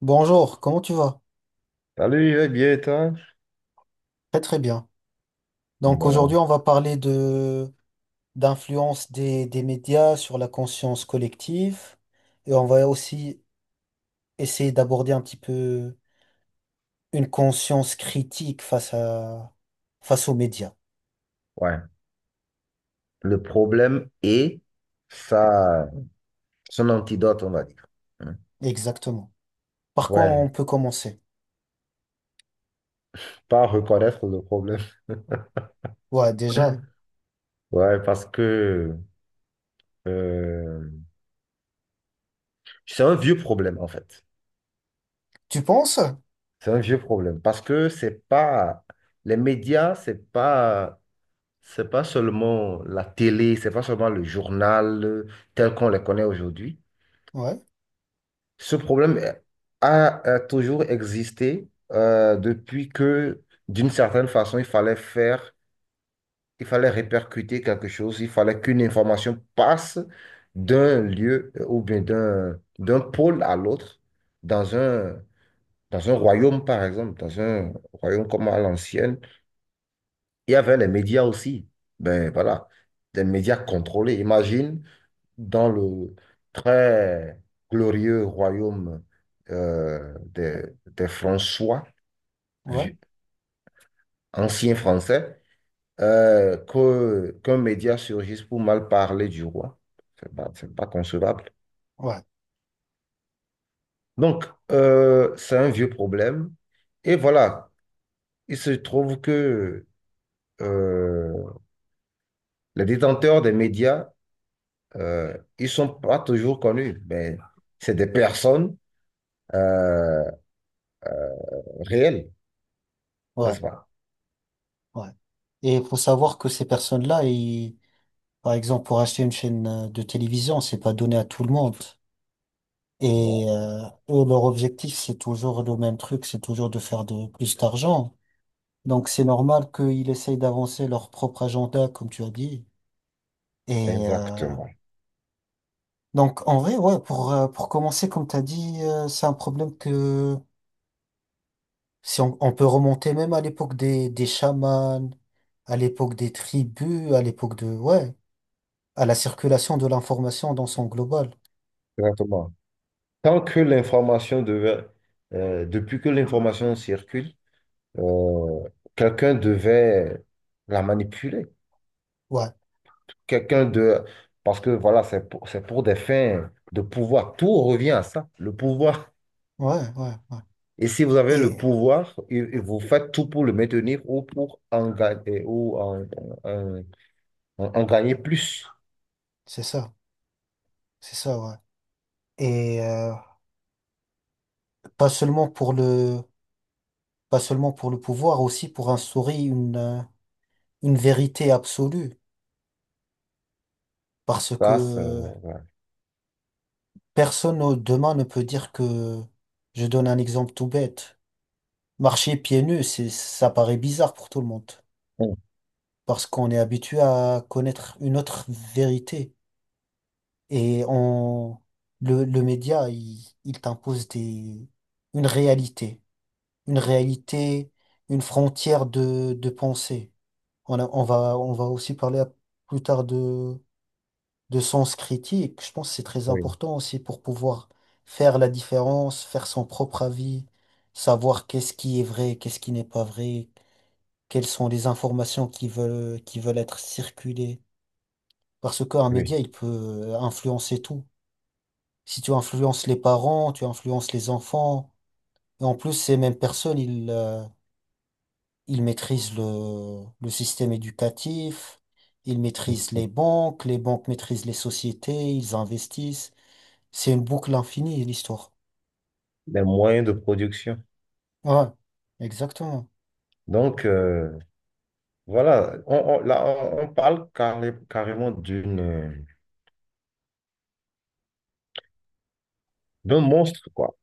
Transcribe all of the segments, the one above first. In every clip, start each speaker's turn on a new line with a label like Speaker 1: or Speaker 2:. Speaker 1: Bonjour, comment tu vas?
Speaker 2: Salut, je vais bien, et toi?
Speaker 1: Très très bien. Donc aujourd'hui,
Speaker 2: Bon,
Speaker 1: on va parler de d'influence des médias sur la conscience collective et on va aussi essayer d'aborder un petit peu une conscience critique face à face aux médias.
Speaker 2: ouais. Le problème est ça, son antidote, on va dire. Hein.
Speaker 1: Exactement. Par quoi on
Speaker 2: Ouais,
Speaker 1: peut commencer?
Speaker 2: pas reconnaître le problème.
Speaker 1: Ouais, déjà.
Speaker 2: Ouais, parce que euh, c'est un vieux problème, en fait.
Speaker 1: Tu penses?
Speaker 2: C'est un vieux problème. Parce que c'est pas. Les médias, c'est pas. C'est pas seulement la télé, c'est pas seulement le journal tel qu'on les connaît aujourd'hui.
Speaker 1: Ouais,
Speaker 2: Ce problème a, a toujours existé depuis que, d'une certaine façon, il fallait faire, il fallait répercuter quelque chose, il fallait qu'une information passe d'un lieu ou bien d'un pôle à l'autre, dans un, dans un royaume, par exemple, dans un royaume comme à l'ancienne. Il y avait les médias aussi. Ben voilà, des médias contrôlés. Imagine dans le très glorieux royaume des François,
Speaker 1: ouais,
Speaker 2: vi- anciens Français, qu'un média surgisse pour mal parler du roi. C'est pas concevable.
Speaker 1: ouais,
Speaker 2: Donc, c'est un vieux problème. Et voilà, il se trouve que euh, les détenteurs des médias, ils sont pas toujours connus, mais c'est des personnes euh, réelles,
Speaker 1: ouais,
Speaker 2: n'est-ce pas?
Speaker 1: ouais. Et il faut savoir que ces personnes-là, ils- par exemple, pour acheter une chaîne de télévision, c'est pas donné à tout le monde. Et
Speaker 2: Bon.
Speaker 1: eux, leur objectif, c'est toujours le même truc, c'est toujours de faire de plus d'argent. Donc c'est normal qu'ils essayent d'avancer leur propre agenda, comme tu as dit. Et
Speaker 2: Exactement.
Speaker 1: donc en vrai, ouais, pour commencer, comme tu as dit, c'est un problème que si on, on peut remonter même à l'époque des chamans, à l'époque des tribus, à l'époque de ouais, à la circulation de l'information dans son global.
Speaker 2: Exactement. Tant que l'information devait, depuis que l'information circule, euh, quelqu'un devait la manipuler.
Speaker 1: Ouais,
Speaker 2: Quelqu'un de, parce que voilà, c'est pour des fins de pouvoir. Tout revient à ça, le pouvoir.
Speaker 1: ouais, ouais, ouais.
Speaker 2: Et si vous avez le
Speaker 1: Et euh,
Speaker 2: pouvoir, et vous faites tout pour le maintenir ou pour en gagner, ou en- en gagner plus.
Speaker 1: c'est ça, c'est ça, ouais. Et euh, Pas seulement pour le, pas seulement pour le pouvoir, aussi pour instaurer une vérité absolue. Parce
Speaker 2: Ça, c'est-
Speaker 1: que
Speaker 2: ouais.
Speaker 1: personne au- demain ne peut dire que, je donne un exemple tout bête. Marcher pieds nus, c'est, ça paraît bizarre pour tout le monde. Parce qu'on est habitué à connaître une autre vérité. Et on, le média, il t'impose des, une réalité. Une réalité, une frontière de pensée. On a- on va aussi parler à- plus tard de sens critique. Je pense que c'est très
Speaker 2: Oui,
Speaker 1: important aussi pour pouvoir faire la différence, faire son propre avis, savoir qu'est-ce qui est vrai, qu'est-ce qui n'est pas vrai, quelles sont les informations qui veulent être circulées. Parce qu'un média,
Speaker 2: oui.
Speaker 1: il peut influencer tout. Si tu influences les parents, tu influences les enfants, et en plus, ces mêmes personnes, ils, ils maîtrisent le système éducatif, ils maîtrisent les banques maîtrisent les sociétés, ils investissent. C'est une boucle infinie, l'histoire.
Speaker 2: Les moyens de production.
Speaker 1: Ouais, exactement.
Speaker 2: Donc, voilà, on- là, on parle carrément d'un monstre, quoi.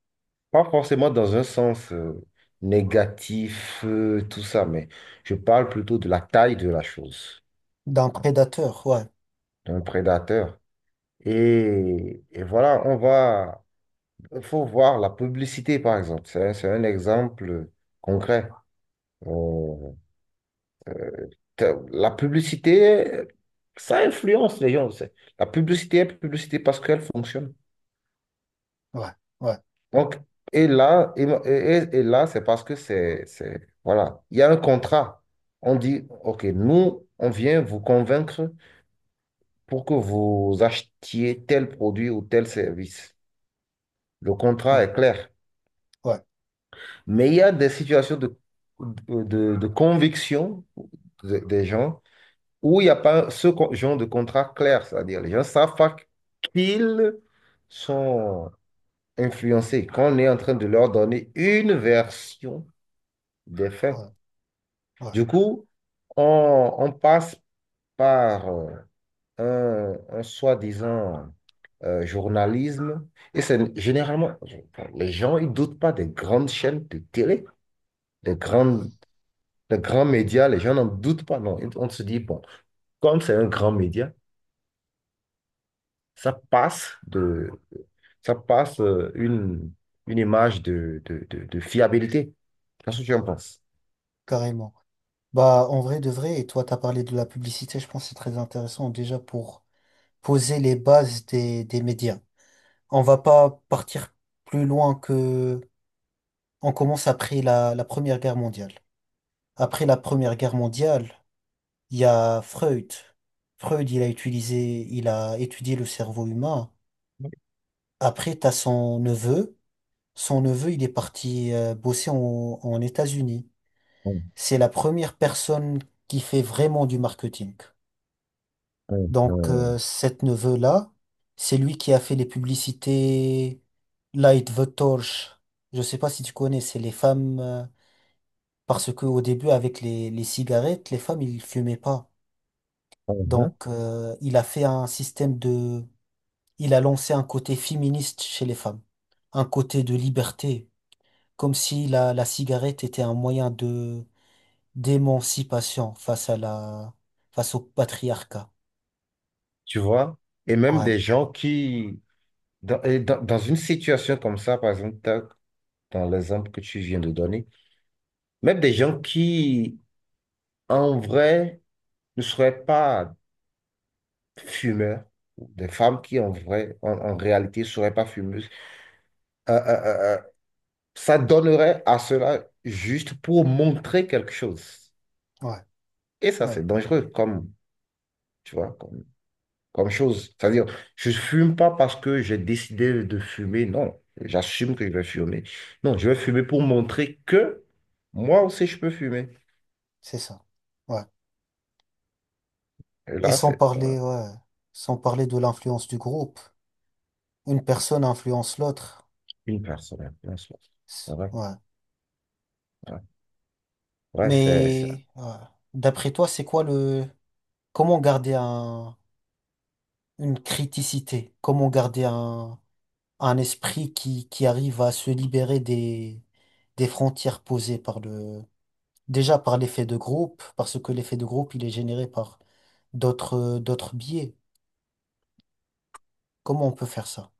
Speaker 2: Pas forcément dans un sens négatif, tout ça, mais je parle plutôt de la taille de la chose,
Speaker 1: D'un prédateur, ouais,
Speaker 2: d'un prédateur. Et voilà, il faut voir la publicité, par exemple. C'est un exemple concret. On- La publicité, ça influence les gens. La publicité est publicité parce qu'elle fonctionne.
Speaker 1: ouais, ouais,
Speaker 2: Donc, et là, c'est parce que c'est, voilà, il y a un contrat. On dit, OK, nous, on vient vous convaincre pour que vous achetiez tel produit ou tel service. Le contrat
Speaker 1: ouais,
Speaker 2: est clair.
Speaker 1: ouais,
Speaker 2: Mais il y a des situations de conviction des gens où il n'y a pas ce genre de contrat clair. C'est-à-dire, les gens savent pas qu'ils sont influencés, qu'on est en train de leur donner une version des faits.
Speaker 1: ouais, ouais,
Speaker 2: Du coup, on passe par un soi-disant journalisme. Et c'est généralement, les gens, ils doutent pas des grandes chaînes de télé, des grandes, des grands médias. Les gens n'en doutent pas, non. On se dit, bon, comme c'est un grand média, ça passe de, ça passe une image de fiabilité. Qu'est-ce que tu en penses?
Speaker 1: carrément. Bah, en vrai de vrai, et toi, t'as parlé de la publicité, je pense que c'est très intéressant déjà pour poser les bases des médias. On va pas partir plus loin que on commence après la, la Première Guerre mondiale. Après la Première Guerre mondiale, il y a Freud. Freud, il a utilisé, il a étudié le cerveau humain. Après, t'as son neveu. Son neveu, il est parti bosser en, en États-Unis.
Speaker 2: Hum,
Speaker 1: C'est la première personne qui fait vraiment du marketing.
Speaker 2: hum,
Speaker 1: Donc,
Speaker 2: hum,
Speaker 1: cet neveu-là, c'est lui qui a fait les publicités Light the Torch. Je sais pas si tu connais, c'est les femmes, parce que au début, avec les cigarettes, les femmes, ils fumaient pas.
Speaker 2: hum, hum.
Speaker 1: Donc, il a fait un système de… Il a lancé un côté féministe chez les femmes, un côté de liberté, comme si la, la cigarette était un moyen de d'émancipation face à la face au patriarcat.
Speaker 2: Tu vois? Et même
Speaker 1: Ouais,
Speaker 2: des gens qui, Dans une situation comme ça, par exemple, dans l'exemple que tu viens de donner, même des gens qui, en vrai, ne seraient pas fumeurs, ou des femmes qui, en vrai, en réalité, ne seraient pas fumeuses, euh, euh, euh, euh, ça donnerait à cela juste pour montrer quelque chose.
Speaker 1: ouais,
Speaker 2: Et ça,
Speaker 1: ouais,
Speaker 2: c'est dangereux, comme, tu vois, comme chose. C'est-à-dire, je fume pas parce que j'ai décidé de fumer. Non, j'assume que je vais fumer. Non, je vais fumer pour montrer que moi aussi je peux fumer.
Speaker 1: c'est ça. Ouais.
Speaker 2: Et
Speaker 1: Et
Speaker 2: là,
Speaker 1: sans
Speaker 2: c'est voilà,
Speaker 1: parler, ouais, sans parler de l'influence du groupe, une personne influence l'autre.
Speaker 2: une personne, une seule.
Speaker 1: C'est-
Speaker 2: Voilà,
Speaker 1: ouais.
Speaker 2: voilà. Ouais, c'est
Speaker 1: Mais ouais. D'après toi, c'est quoi le comment garder un une criticité. Comment garder un esprit qui arrive à se libérer des frontières posées par le, déjà par l'effet de groupe, parce que l'effet de groupe, il est généré par d'autres, d'autres biais. Comment on peut faire ça?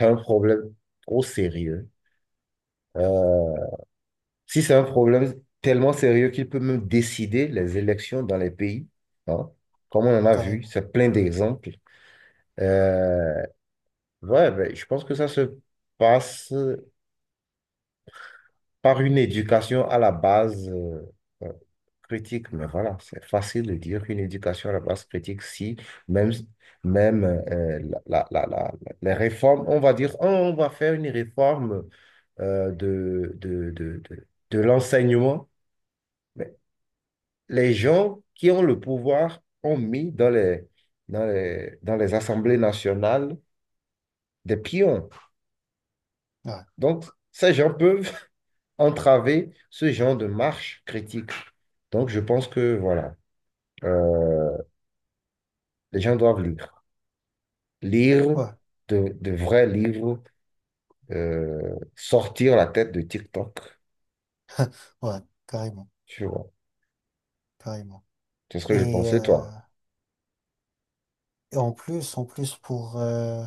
Speaker 2: un problème trop sérieux. Euh, Si c'est un problème tellement sérieux qu'il peut même décider les élections dans les pays, hein, comme on en a vu,
Speaker 1: Carrément.
Speaker 2: c'est plein d'exemples. Euh, ouais, ben, je pense que ça se passe par une éducation à la base euh, critique. Mais voilà, c'est facile de dire qu'une éducation à la base critique, si même, même la, la- la- la- les réformes, on va dire, oh, on va faire une réforme de l'enseignement. Mais les gens qui ont le pouvoir ont mis dans les assemblées nationales des pions.
Speaker 1: Ouais,
Speaker 2: Donc, ces gens peuvent entraver ce genre de marche critique. Donc, je pense que, voilà, euh, les gens doivent lire. Lire
Speaker 1: ouais,
Speaker 2: de vrais livres, sortir la tête de TikTok.
Speaker 1: ouais, carrément,
Speaker 2: Tu vois,
Speaker 1: carrément.
Speaker 2: c'est ce que je
Speaker 1: Et,
Speaker 2: pensais,
Speaker 1: euh,
Speaker 2: toi.
Speaker 1: et en plus pour,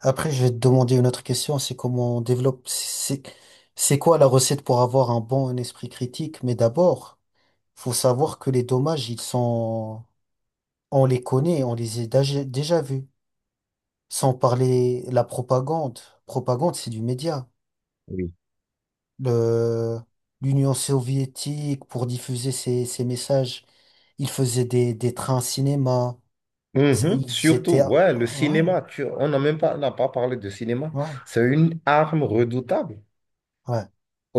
Speaker 1: après, je vais te demander une autre question, c'est comment on développe, c'est quoi la recette pour avoir un bon esprit critique? Mais d'abord, faut savoir que les dommages, ils sont, on les connaît, on les a déjà, déjà vus. Sans parler la propagande. Propagande, c'est du média.
Speaker 2: Oui.
Speaker 1: Le, l'Union soviétique, pour diffuser ses, ses messages, ils faisaient des trains cinéma. C'est-
Speaker 2: Mhm.
Speaker 1: ils
Speaker 2: Surtout,
Speaker 1: étaient, ouais,
Speaker 2: ouais, le cinéma, on n'a pas parlé de cinéma.
Speaker 1: ouais,
Speaker 2: C'est une arme redoutable.
Speaker 1: ouais,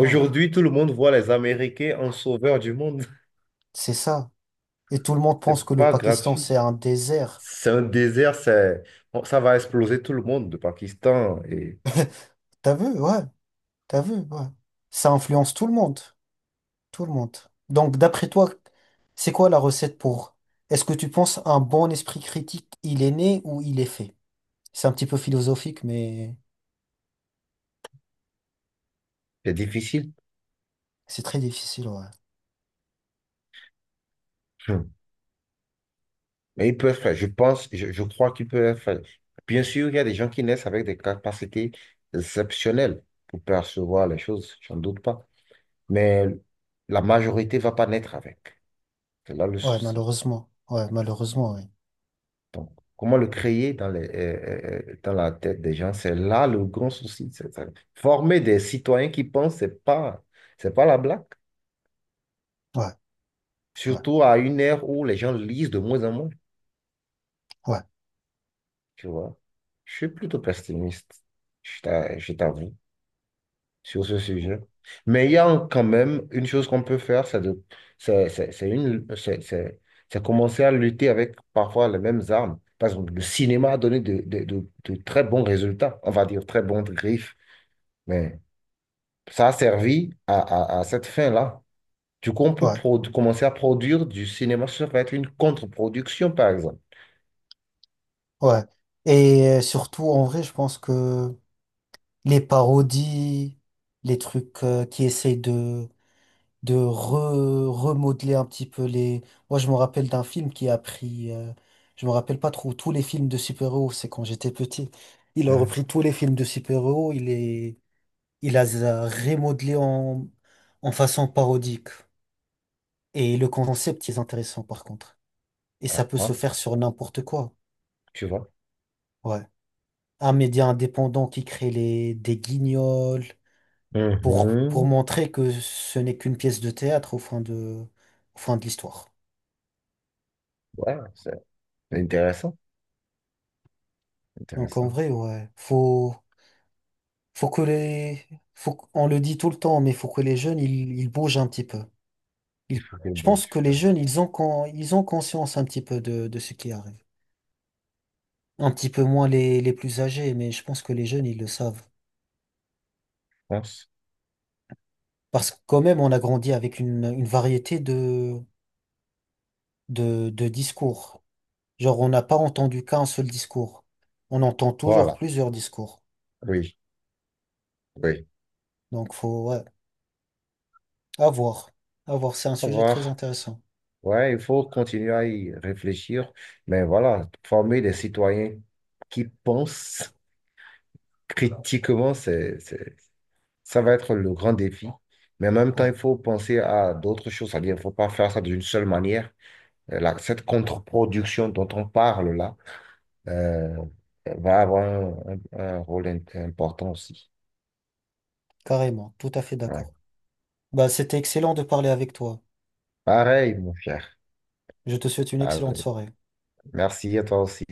Speaker 1: ouais.
Speaker 2: tout le monde voit les Américains en sauveur du monde.
Speaker 1: C'est ça. Et tout le monde pense que
Speaker 2: C'est
Speaker 1: le
Speaker 2: pas
Speaker 1: Pakistan, c'est
Speaker 2: gratuit.
Speaker 1: un désert.
Speaker 2: C'est un désert, c'est, bon, ça va exploser tout le monde, le Pakistan, et
Speaker 1: T'as vu? Ouais, t'as vu? Ouais. Ça influence tout le monde. Tout le monde. Donc, d'après toi, c'est quoi la recette pour… Est-ce que tu penses un bon esprit critique, il est né ou il est fait? C'est un petit peu philosophique, mais
Speaker 2: c'est difficile.
Speaker 1: c'est très difficile, ouais.
Speaker 2: Hmm. Mais ils peuvent faire, je pense, je crois qu'ils peuvent faire. Bien sûr, il y a des gens qui naissent avec des capacités exceptionnelles pour percevoir les choses, j'en doute pas. Mais la majorité va pas naître avec. C'est là le
Speaker 1: Ouais,
Speaker 2: souci.
Speaker 1: malheureusement. Ouais, malheureusement, oui.
Speaker 2: Comment le créer dans la tête des gens, c'est là le grand souci. C'est ça. Former des citoyens qui pensent, c'est pas la blague.
Speaker 1: Ouais, ouais,
Speaker 2: Surtout à une ère où les gens lisent de moins en moins,
Speaker 1: ouais,
Speaker 2: tu vois. Je suis plutôt pessimiste, je t'avoue, sur ce sujet. Mais il y a quand même une chose qu'on peut faire, c'est de, c'est une, c'est commencer à lutter avec parfois les mêmes armes. Par exemple, le cinéma a donné de très bons résultats, on va dire très bons griffes, mais ça a servi à cette fin-là. Du coup, on peut
Speaker 1: ouais,
Speaker 2: commencer à produire du cinéma, ça va être une contre-production, par exemple.
Speaker 1: ouais. Et surtout, en vrai, je pense que les parodies, les trucs qui essayent de re- remodeler un petit peu les… Moi, je me rappelle d'un film qui a pris… je me rappelle pas trop, tous les films de super-héros, c'est quand j'étais petit. Il a
Speaker 2: Hein.
Speaker 1: repris tous les films de super-héros, il les… il les a remodelés en… en façon parodique. Et le concept est intéressant, par contre. Et
Speaker 2: Ah,
Speaker 1: ça peut se
Speaker 2: hein.
Speaker 1: faire sur n'importe quoi.
Speaker 2: Tu vois.
Speaker 1: Ouais. Un média indépendant qui crée les… des guignols pour… pour
Speaker 2: Mhm.
Speaker 1: montrer que ce n'est qu'une pièce de théâtre au fin de… au fin de l'histoire.
Speaker 2: Ouais, c'est intéressant,
Speaker 1: Donc en
Speaker 2: intéressant.
Speaker 1: vrai, ouais, faut, faut que les, faut, qu- on le dit tout le temps, mais faut que les jeunes, ils bougent un petit peu.
Speaker 2: Il
Speaker 1: Ils-
Speaker 2: faut que
Speaker 1: je pense que les
Speaker 2: je
Speaker 1: jeunes, ils ont, con- ils ont conscience un petit peu de ce qui arrive. Un petit peu moins les plus âgés, mais je pense que les jeunes, ils le savent.
Speaker 2: pense.
Speaker 1: Parce que quand même, on a grandi avec une variété de discours. Genre, on n'a pas entendu qu'un seul discours. On entend toujours
Speaker 2: Voilà,
Speaker 1: plusieurs discours.
Speaker 2: oui, oui.
Speaker 1: Donc faut, ouais, à voir. À voir, c'est un
Speaker 2: Au
Speaker 1: sujet très
Speaker 2: revoir.
Speaker 1: intéressant.
Speaker 2: Ouais, il faut continuer à y réfléchir, mais voilà, former des citoyens qui pensent critiquement, ça va être le grand défi. Mais en même temps, il
Speaker 1: Ouais,
Speaker 2: faut penser à d'autres choses, c'est-à-dire, il ne faut pas faire ça d'une seule manière. Cette contre-production dont on parle là, euh, va avoir un rôle important aussi.
Speaker 1: carrément, tout à fait
Speaker 2: Ouais.
Speaker 1: d'accord. Bah, c'était excellent de parler avec toi.
Speaker 2: Pareil, mon cher.
Speaker 1: Je te souhaite une excellente
Speaker 2: Allez,
Speaker 1: soirée.
Speaker 2: merci à toi aussi.